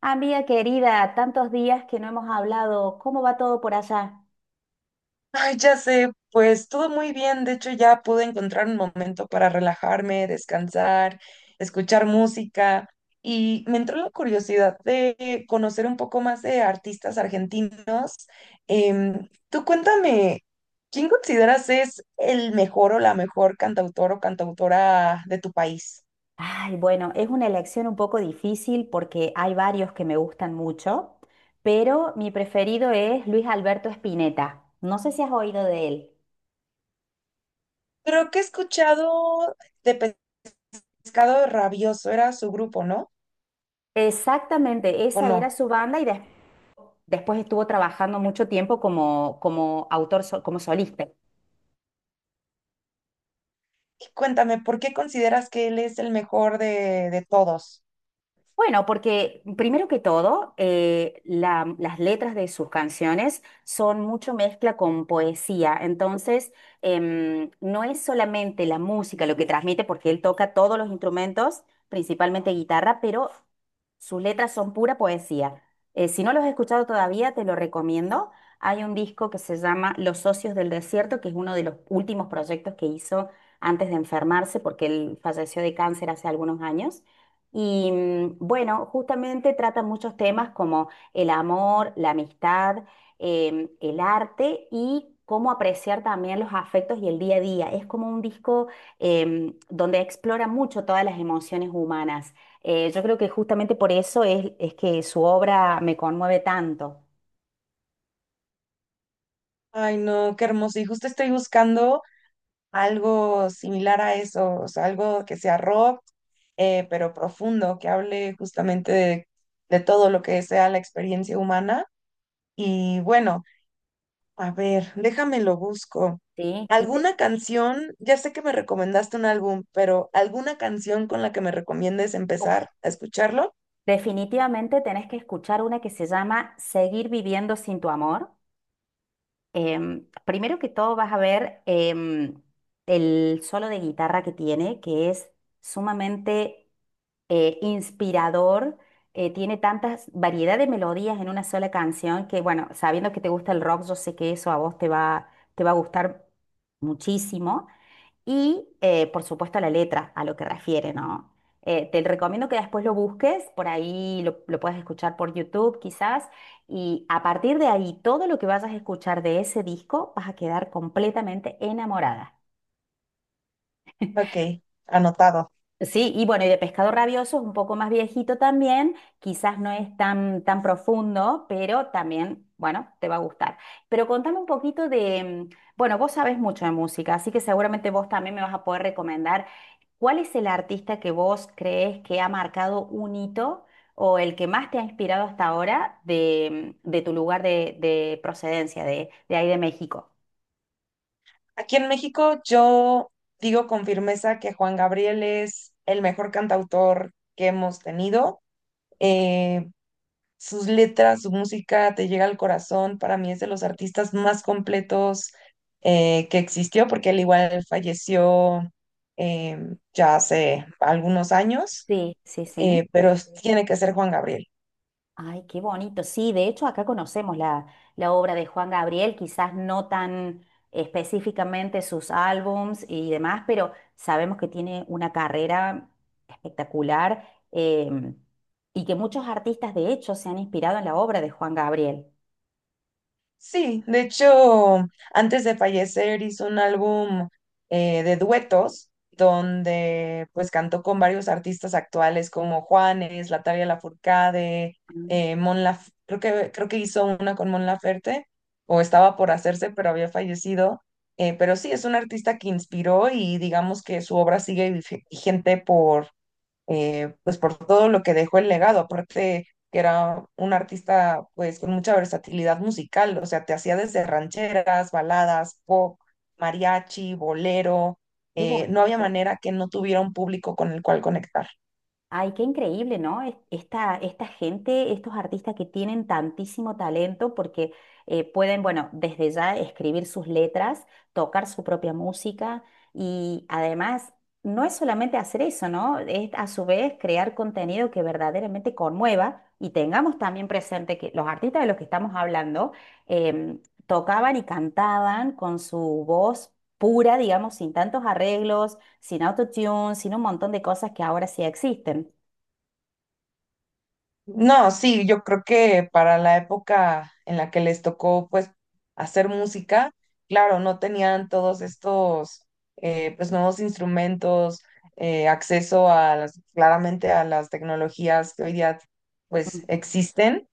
Amiga querida, tantos días que no hemos hablado, ¿cómo va todo por allá? Ay, ya sé, pues todo muy bien. De hecho, ya pude encontrar un momento para relajarme, descansar, escuchar música y me entró la curiosidad de conocer un poco más de artistas argentinos. Tú cuéntame, ¿quién consideras es el mejor o la mejor cantautor o cantautora de tu país? Ay, bueno, es una elección un poco difícil porque hay varios que me gustan mucho, pero mi preferido es Luis Alberto Spinetta. No sé si has oído de él. Creo que he escuchado de Pescado Rabioso, era su grupo, ¿no? Exactamente, ¿O esa era no? su banda y después estuvo trabajando mucho tiempo como autor, como solista. Y cuéntame, ¿por qué consideras que él es el mejor de todos? Bueno, porque primero que todo, las letras de sus canciones son mucho mezcla con poesía, entonces no es solamente la música lo que transmite, porque él toca todos los instrumentos, principalmente guitarra, pero sus letras son pura poesía. Si no los has escuchado todavía, te lo recomiendo. Hay un disco que se llama Los Socios del Desierto, que es uno de los últimos proyectos que hizo antes de enfermarse, porque él falleció de cáncer hace algunos años. Y bueno, justamente trata muchos temas como el amor, la amistad, el arte y cómo apreciar también los afectos y el día a día. Es como un disco donde explora mucho todas las emociones humanas. Yo creo que justamente por eso es que su obra me conmueve tanto. Ay, no, qué hermoso. Y justo estoy buscando algo similar a eso, o sea, algo que sea rock, pero profundo, que hable justamente de todo lo que sea la experiencia humana. Y bueno, a ver, déjame lo busco. ¿Sí? Y ¿Alguna canción? Ya sé que me recomendaste un álbum, pero ¿alguna canción con la que me recomiendes uf, empezar a escucharlo? definitivamente tenés que escuchar una que se llama Seguir viviendo sin tu amor. Primero que todo vas a ver el solo de guitarra que tiene, que es sumamente inspirador. Tiene tantas variedad de melodías en una sola canción que, bueno, sabiendo que te gusta el rock, yo sé que eso a vos te va a gustar muchísimo. Y, por supuesto, la letra, a lo que refiere, ¿no? Te recomiendo que después lo busques, por ahí lo puedes escuchar por YouTube quizás, y a partir de ahí, todo lo que vayas a escuchar de ese disco, vas a quedar completamente enamorada. Ok, anotado. Sí, y bueno, y de pescado rabioso es un poco más viejito también, quizás no es tan profundo, pero también, bueno, te va a gustar. Pero contame un poquito de, bueno, vos sabés mucho de música, así que seguramente vos también me vas a poder recomendar cuál es el artista que vos crees que ha marcado un hito o el que más te ha inspirado hasta ahora de, de tu lugar de procedencia, de ahí de México. Aquí en México yo digo con firmeza que Juan Gabriel es el mejor cantautor que hemos tenido. Eh, Sus letras, su música te llega al corazón. Para mí es de los artistas más completos, que existió, porque él igual falleció, eh, ya hace algunos años, Sí, sí, sí. Pero tiene que ser Juan Gabriel. Ay, qué bonito. Sí, de hecho acá conocemos la obra de Juan Gabriel, quizás no tan específicamente sus álbums y demás, pero sabemos que tiene una carrera espectacular y que muchos artistas de hecho se han inspirado en la obra de Juan Gabriel. Sí, de hecho, antes de fallecer hizo un álbum, de duetos donde pues cantó con varios artistas actuales como Juanes, Natalia Lafourcade, Ah, creo que hizo una con Mon Laferte o estaba por hacerse pero había fallecido. Pero sí, es un artista que inspiró y digamos que su obra sigue vigente, pues por todo lo que dejó el legado, aparte que era un artista pues con mucha versatilidad musical, o sea, te hacía desde rancheras, baladas, pop, mariachi, bolero, qué no había bonito. manera que no tuviera un público con el cual conectar. Ay, qué increíble, ¿no? Esta gente, estos artistas que tienen tantísimo talento porque pueden, bueno, desde ya escribir sus letras, tocar su propia música y además no es solamente hacer eso, ¿no? Es a su vez crear contenido que verdaderamente conmueva y tengamos también presente que los artistas de los que estamos hablando em, tocaban y cantaban con su voz pura, digamos, sin tantos arreglos, sin autotune, sin un montón de cosas que ahora sí existen. No, sí, yo creo que para la época en la que les tocó pues hacer música, claro, no tenían todos estos, pues nuevos instrumentos, acceso a las, claramente a las tecnologías que hoy día pues Mm. existen,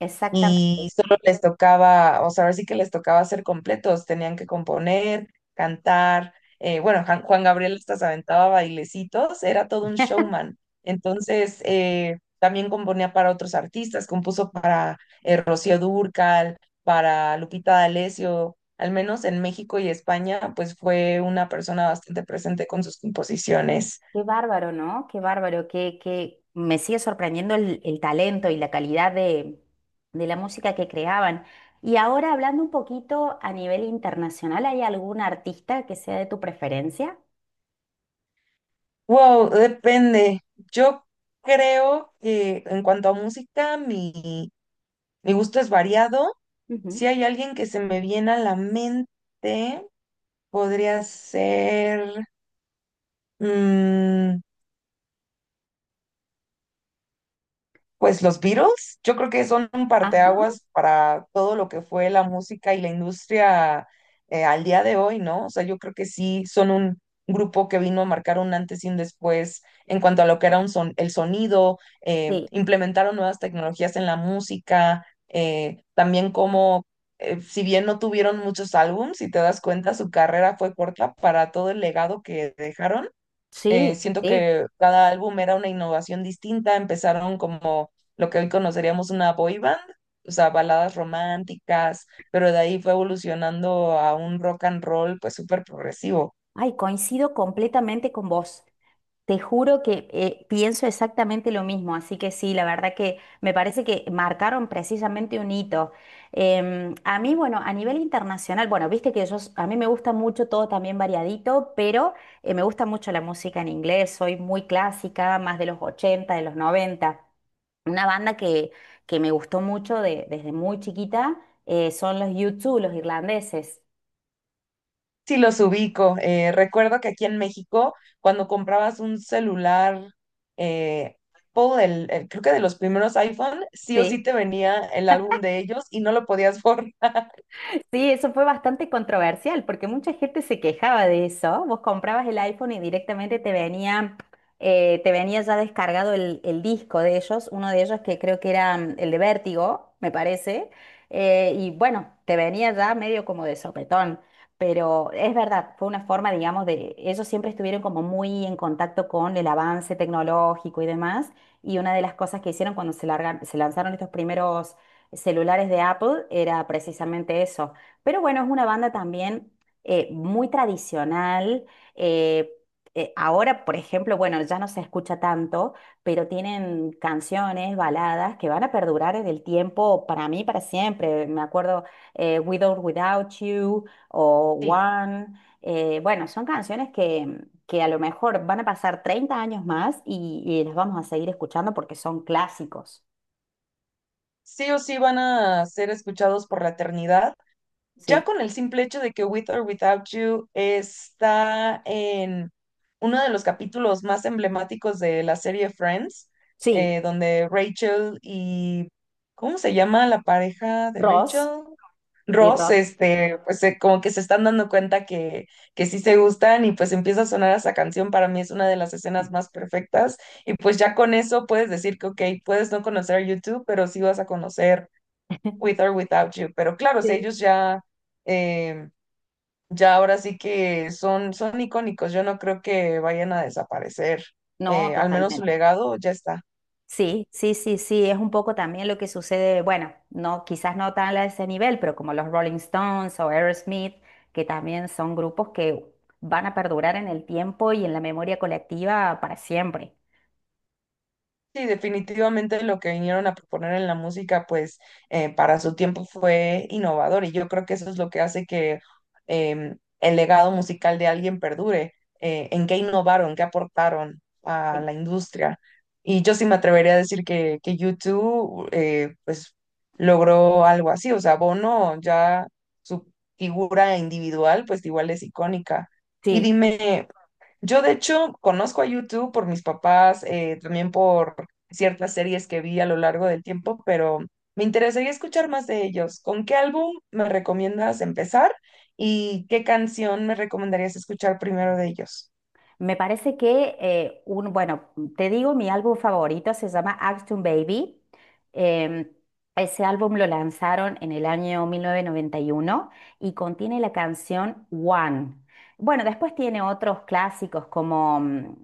Exactamente. y solo les tocaba, o sea, ahora sí que les tocaba ser completos, tenían que componer, cantar, bueno, Juan Gabriel hasta se aventaba bailecitos, era todo un showman. Entonces, también componía para otros artistas, compuso para Rocío Dúrcal, para Lupita D'Alessio, al menos en México y España, pues fue una persona bastante presente con sus composiciones. Qué bárbaro, ¿no? Qué bárbaro, que me sigue sorprendiendo el talento y la calidad de la música que creaban. Y ahora hablando un poquito a nivel internacional, ¿hay algún artista que sea de tu preferencia? Wow, depende. Yo creo que en cuanto a música, mi gusto es variado. Ujú. Si hay alguien que se me viene a la mente, podría ser... mm, pues los Beatles, yo creo que son un Ajá, parteaguas para todo lo que fue la música y la industria al día de hoy, ¿no? O sea, yo creo que sí son un grupo que vino a marcar un antes y un después en cuanto a lo que era un son el sonido, sí, implementaron nuevas tecnologías en la música, si bien no tuvieron muchos álbums, si te das cuenta, su carrera fue corta para todo el legado que dejaron, sí, siento sí. que cada álbum era una innovación distinta. Empezaron como lo que hoy conoceríamos una boy band, o sea, baladas románticas, pero de ahí fue evolucionando a un rock and roll pues súper progresivo. Ay, coincido completamente con vos. Te juro que pienso exactamente lo mismo, así que sí, la verdad que me parece que marcaron precisamente un hito. A mí, bueno, a nivel internacional, bueno, viste que yo, a mí me gusta mucho todo también variadito, pero me gusta mucho la música en inglés, soy muy clásica, más de los 80, de los 90. Una banda que me gustó mucho desde muy chiquita son los U2, los irlandeses. Sí, los ubico. Recuerdo que aquí en México, cuando comprabas un celular, eh, Apple, creo que de los primeros iPhone, sí o Sí. sí te venía el álbum de ellos y no lo podías borrar. Sí, eso fue bastante controversial porque mucha gente se quejaba de eso. Vos comprabas el iPhone y directamente te venía ya descargado el disco de ellos, uno de ellos que creo que era el de Vértigo, me parece. Y bueno, te venía ya medio como de sopetón. Pero es verdad, fue una forma, digamos. Ellos siempre estuvieron como muy en contacto con el avance tecnológico y demás. Y una de las cosas que hicieron cuando se lanzaron estos primeros celulares de Apple era precisamente eso. Pero bueno, es una banda también muy tradicional. eh, ahora, por ejemplo, bueno, ya no se escucha tanto, pero tienen canciones, baladas que van a perdurar en el tiempo para mí, para siempre. Me acuerdo With or Without You o Sí, One. Bueno, son canciones que a lo mejor van a pasar 30 años más y las vamos a seguir escuchando porque son clásicos. sí o sí van a ser escuchados por la eternidad. Ya Sí, con el simple hecho de que With or Without You está en uno de los capítulos más emblemáticos de la serie Friends, sí, donde ¿cómo se llama la pareja de Ross Rachel? y Ross, Ross. este, pues como que se están dando cuenta que sí se gustan y pues empieza a sonar esa canción, para mí es una de las escenas más perfectas y pues ya con eso puedes decir que, ok, puedes no conocer a YouTube, pero sí vas a conocer With or Without You, pero claro, o sea, Sí. ellos ya, eh, ya ahora sí que son, son icónicos, yo no creo que vayan a desaparecer, No, al menos su totalmente. legado ya está. Sí, sí, sí, sí, es un poco también lo que sucede, bueno, no, quizás no tan a ese nivel, pero como los Rolling Stones o Aerosmith, que también son grupos que van a perdurar en el tiempo y en la memoria colectiva para siempre. Sí, definitivamente lo que vinieron a proponer en la música, pues para su tiempo fue innovador y yo creo que eso es lo que hace que el legado musical de alguien perdure, en qué innovaron, qué aportaron a Sí. la industria. Y yo sí me atrevería a decir que U2 pues logró algo así, o sea, Bono, ya su figura individual pues igual es icónica. Y Sí. dime, yo de hecho conozco a YouTube por mis papás, también por ciertas series que vi a lo largo del tiempo, pero me interesaría escuchar más de ellos. ¿Con qué álbum me recomiendas empezar y qué canción me recomendarías escuchar primero de ellos? Me parece que, un, bueno, te digo, mi álbum favorito se llama Action Baby. Em, ese álbum lo lanzaron en el año 1991 y uno y contiene la canción One. Bueno, después tiene otros clásicos como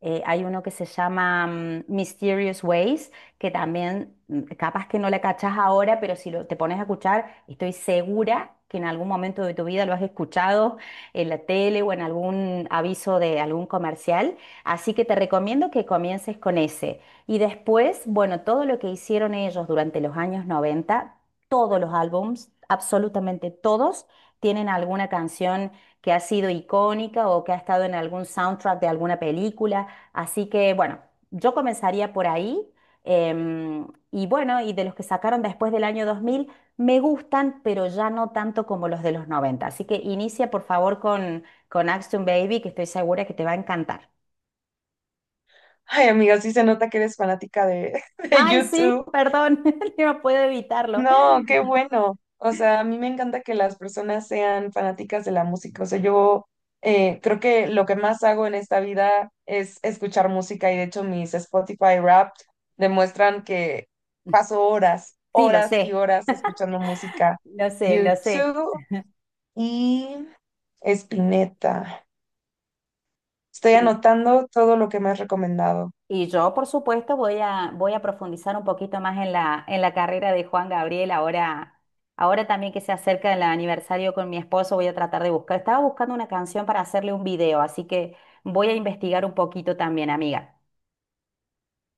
hay uno que se llama Mysterious Ways, que también capaz que no la cachás ahora, pero si lo- te pones a escuchar, estoy segura que en algún momento de tu vida lo has escuchado en la tele o en algún aviso de algún comercial. Así que te recomiendo que comiences con ese. Y después, bueno, todo lo que hicieron ellos durante los años 90, todos los álbums, absolutamente todos, tienen alguna canción que ha sido icónica o que ha estado en algún soundtrack de alguna película. Así que, bueno, yo comenzaría por ahí. Y bueno, y de los que sacaron después del año 2000 me gustan, pero ya no tanto como los de los 90. Así que inicia por favor con Action Baby, que estoy segura que te va a encantar. Ay, amiga, sí se nota que eres fanática de, de Ay, sí, YouTube. perdón, no puedo evitarlo. No, qué bueno. O sea, a mí me encanta que las personas sean fanáticas de la música. O sea, yo, creo que lo que más hago en esta vida es escuchar música y de hecho mis Spotify Wrapped demuestran que paso horas, Sí, lo horas sé, y horas escuchando música. lo sé, lo sé. YouTube y Spinetta. Estoy Y, anotando todo lo que me has recomendado. y yo, por supuesto, voy a profundizar un poquito más en la carrera de Juan Gabriel. Ahora también que se acerca el aniversario con mi esposo, voy a tratar de buscar. Estaba buscando una canción para hacerle un video, así que voy a investigar un poquito también, amiga.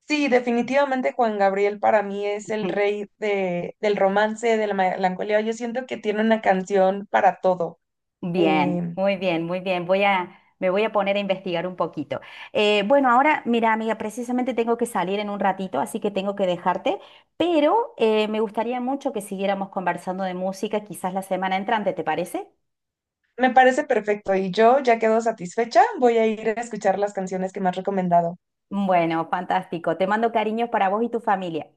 Sí, definitivamente Juan Gabriel para mí es el rey de, del romance, de la melancolía. Yo siento que tiene una canción para todo. Bien, Eh, muy bien, muy bien. Me voy a poner a investigar un poquito. Bueno, ahora, mira, amiga, precisamente tengo que salir en un ratito, así que tengo que dejarte, pero me gustaría mucho que siguiéramos conversando de música, quizás la semana entrante, ¿te parece? Me parece perfecto y yo ya quedo satisfecha. Voy a ir a escuchar las canciones que me has recomendado. Bueno, fantástico. Te mando cariños para vos y tu familia.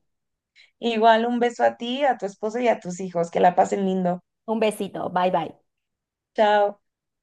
Igual un beso a ti, a tu esposo y a tus hijos. Que la pasen lindo. Un besito. Bye bye. Chao.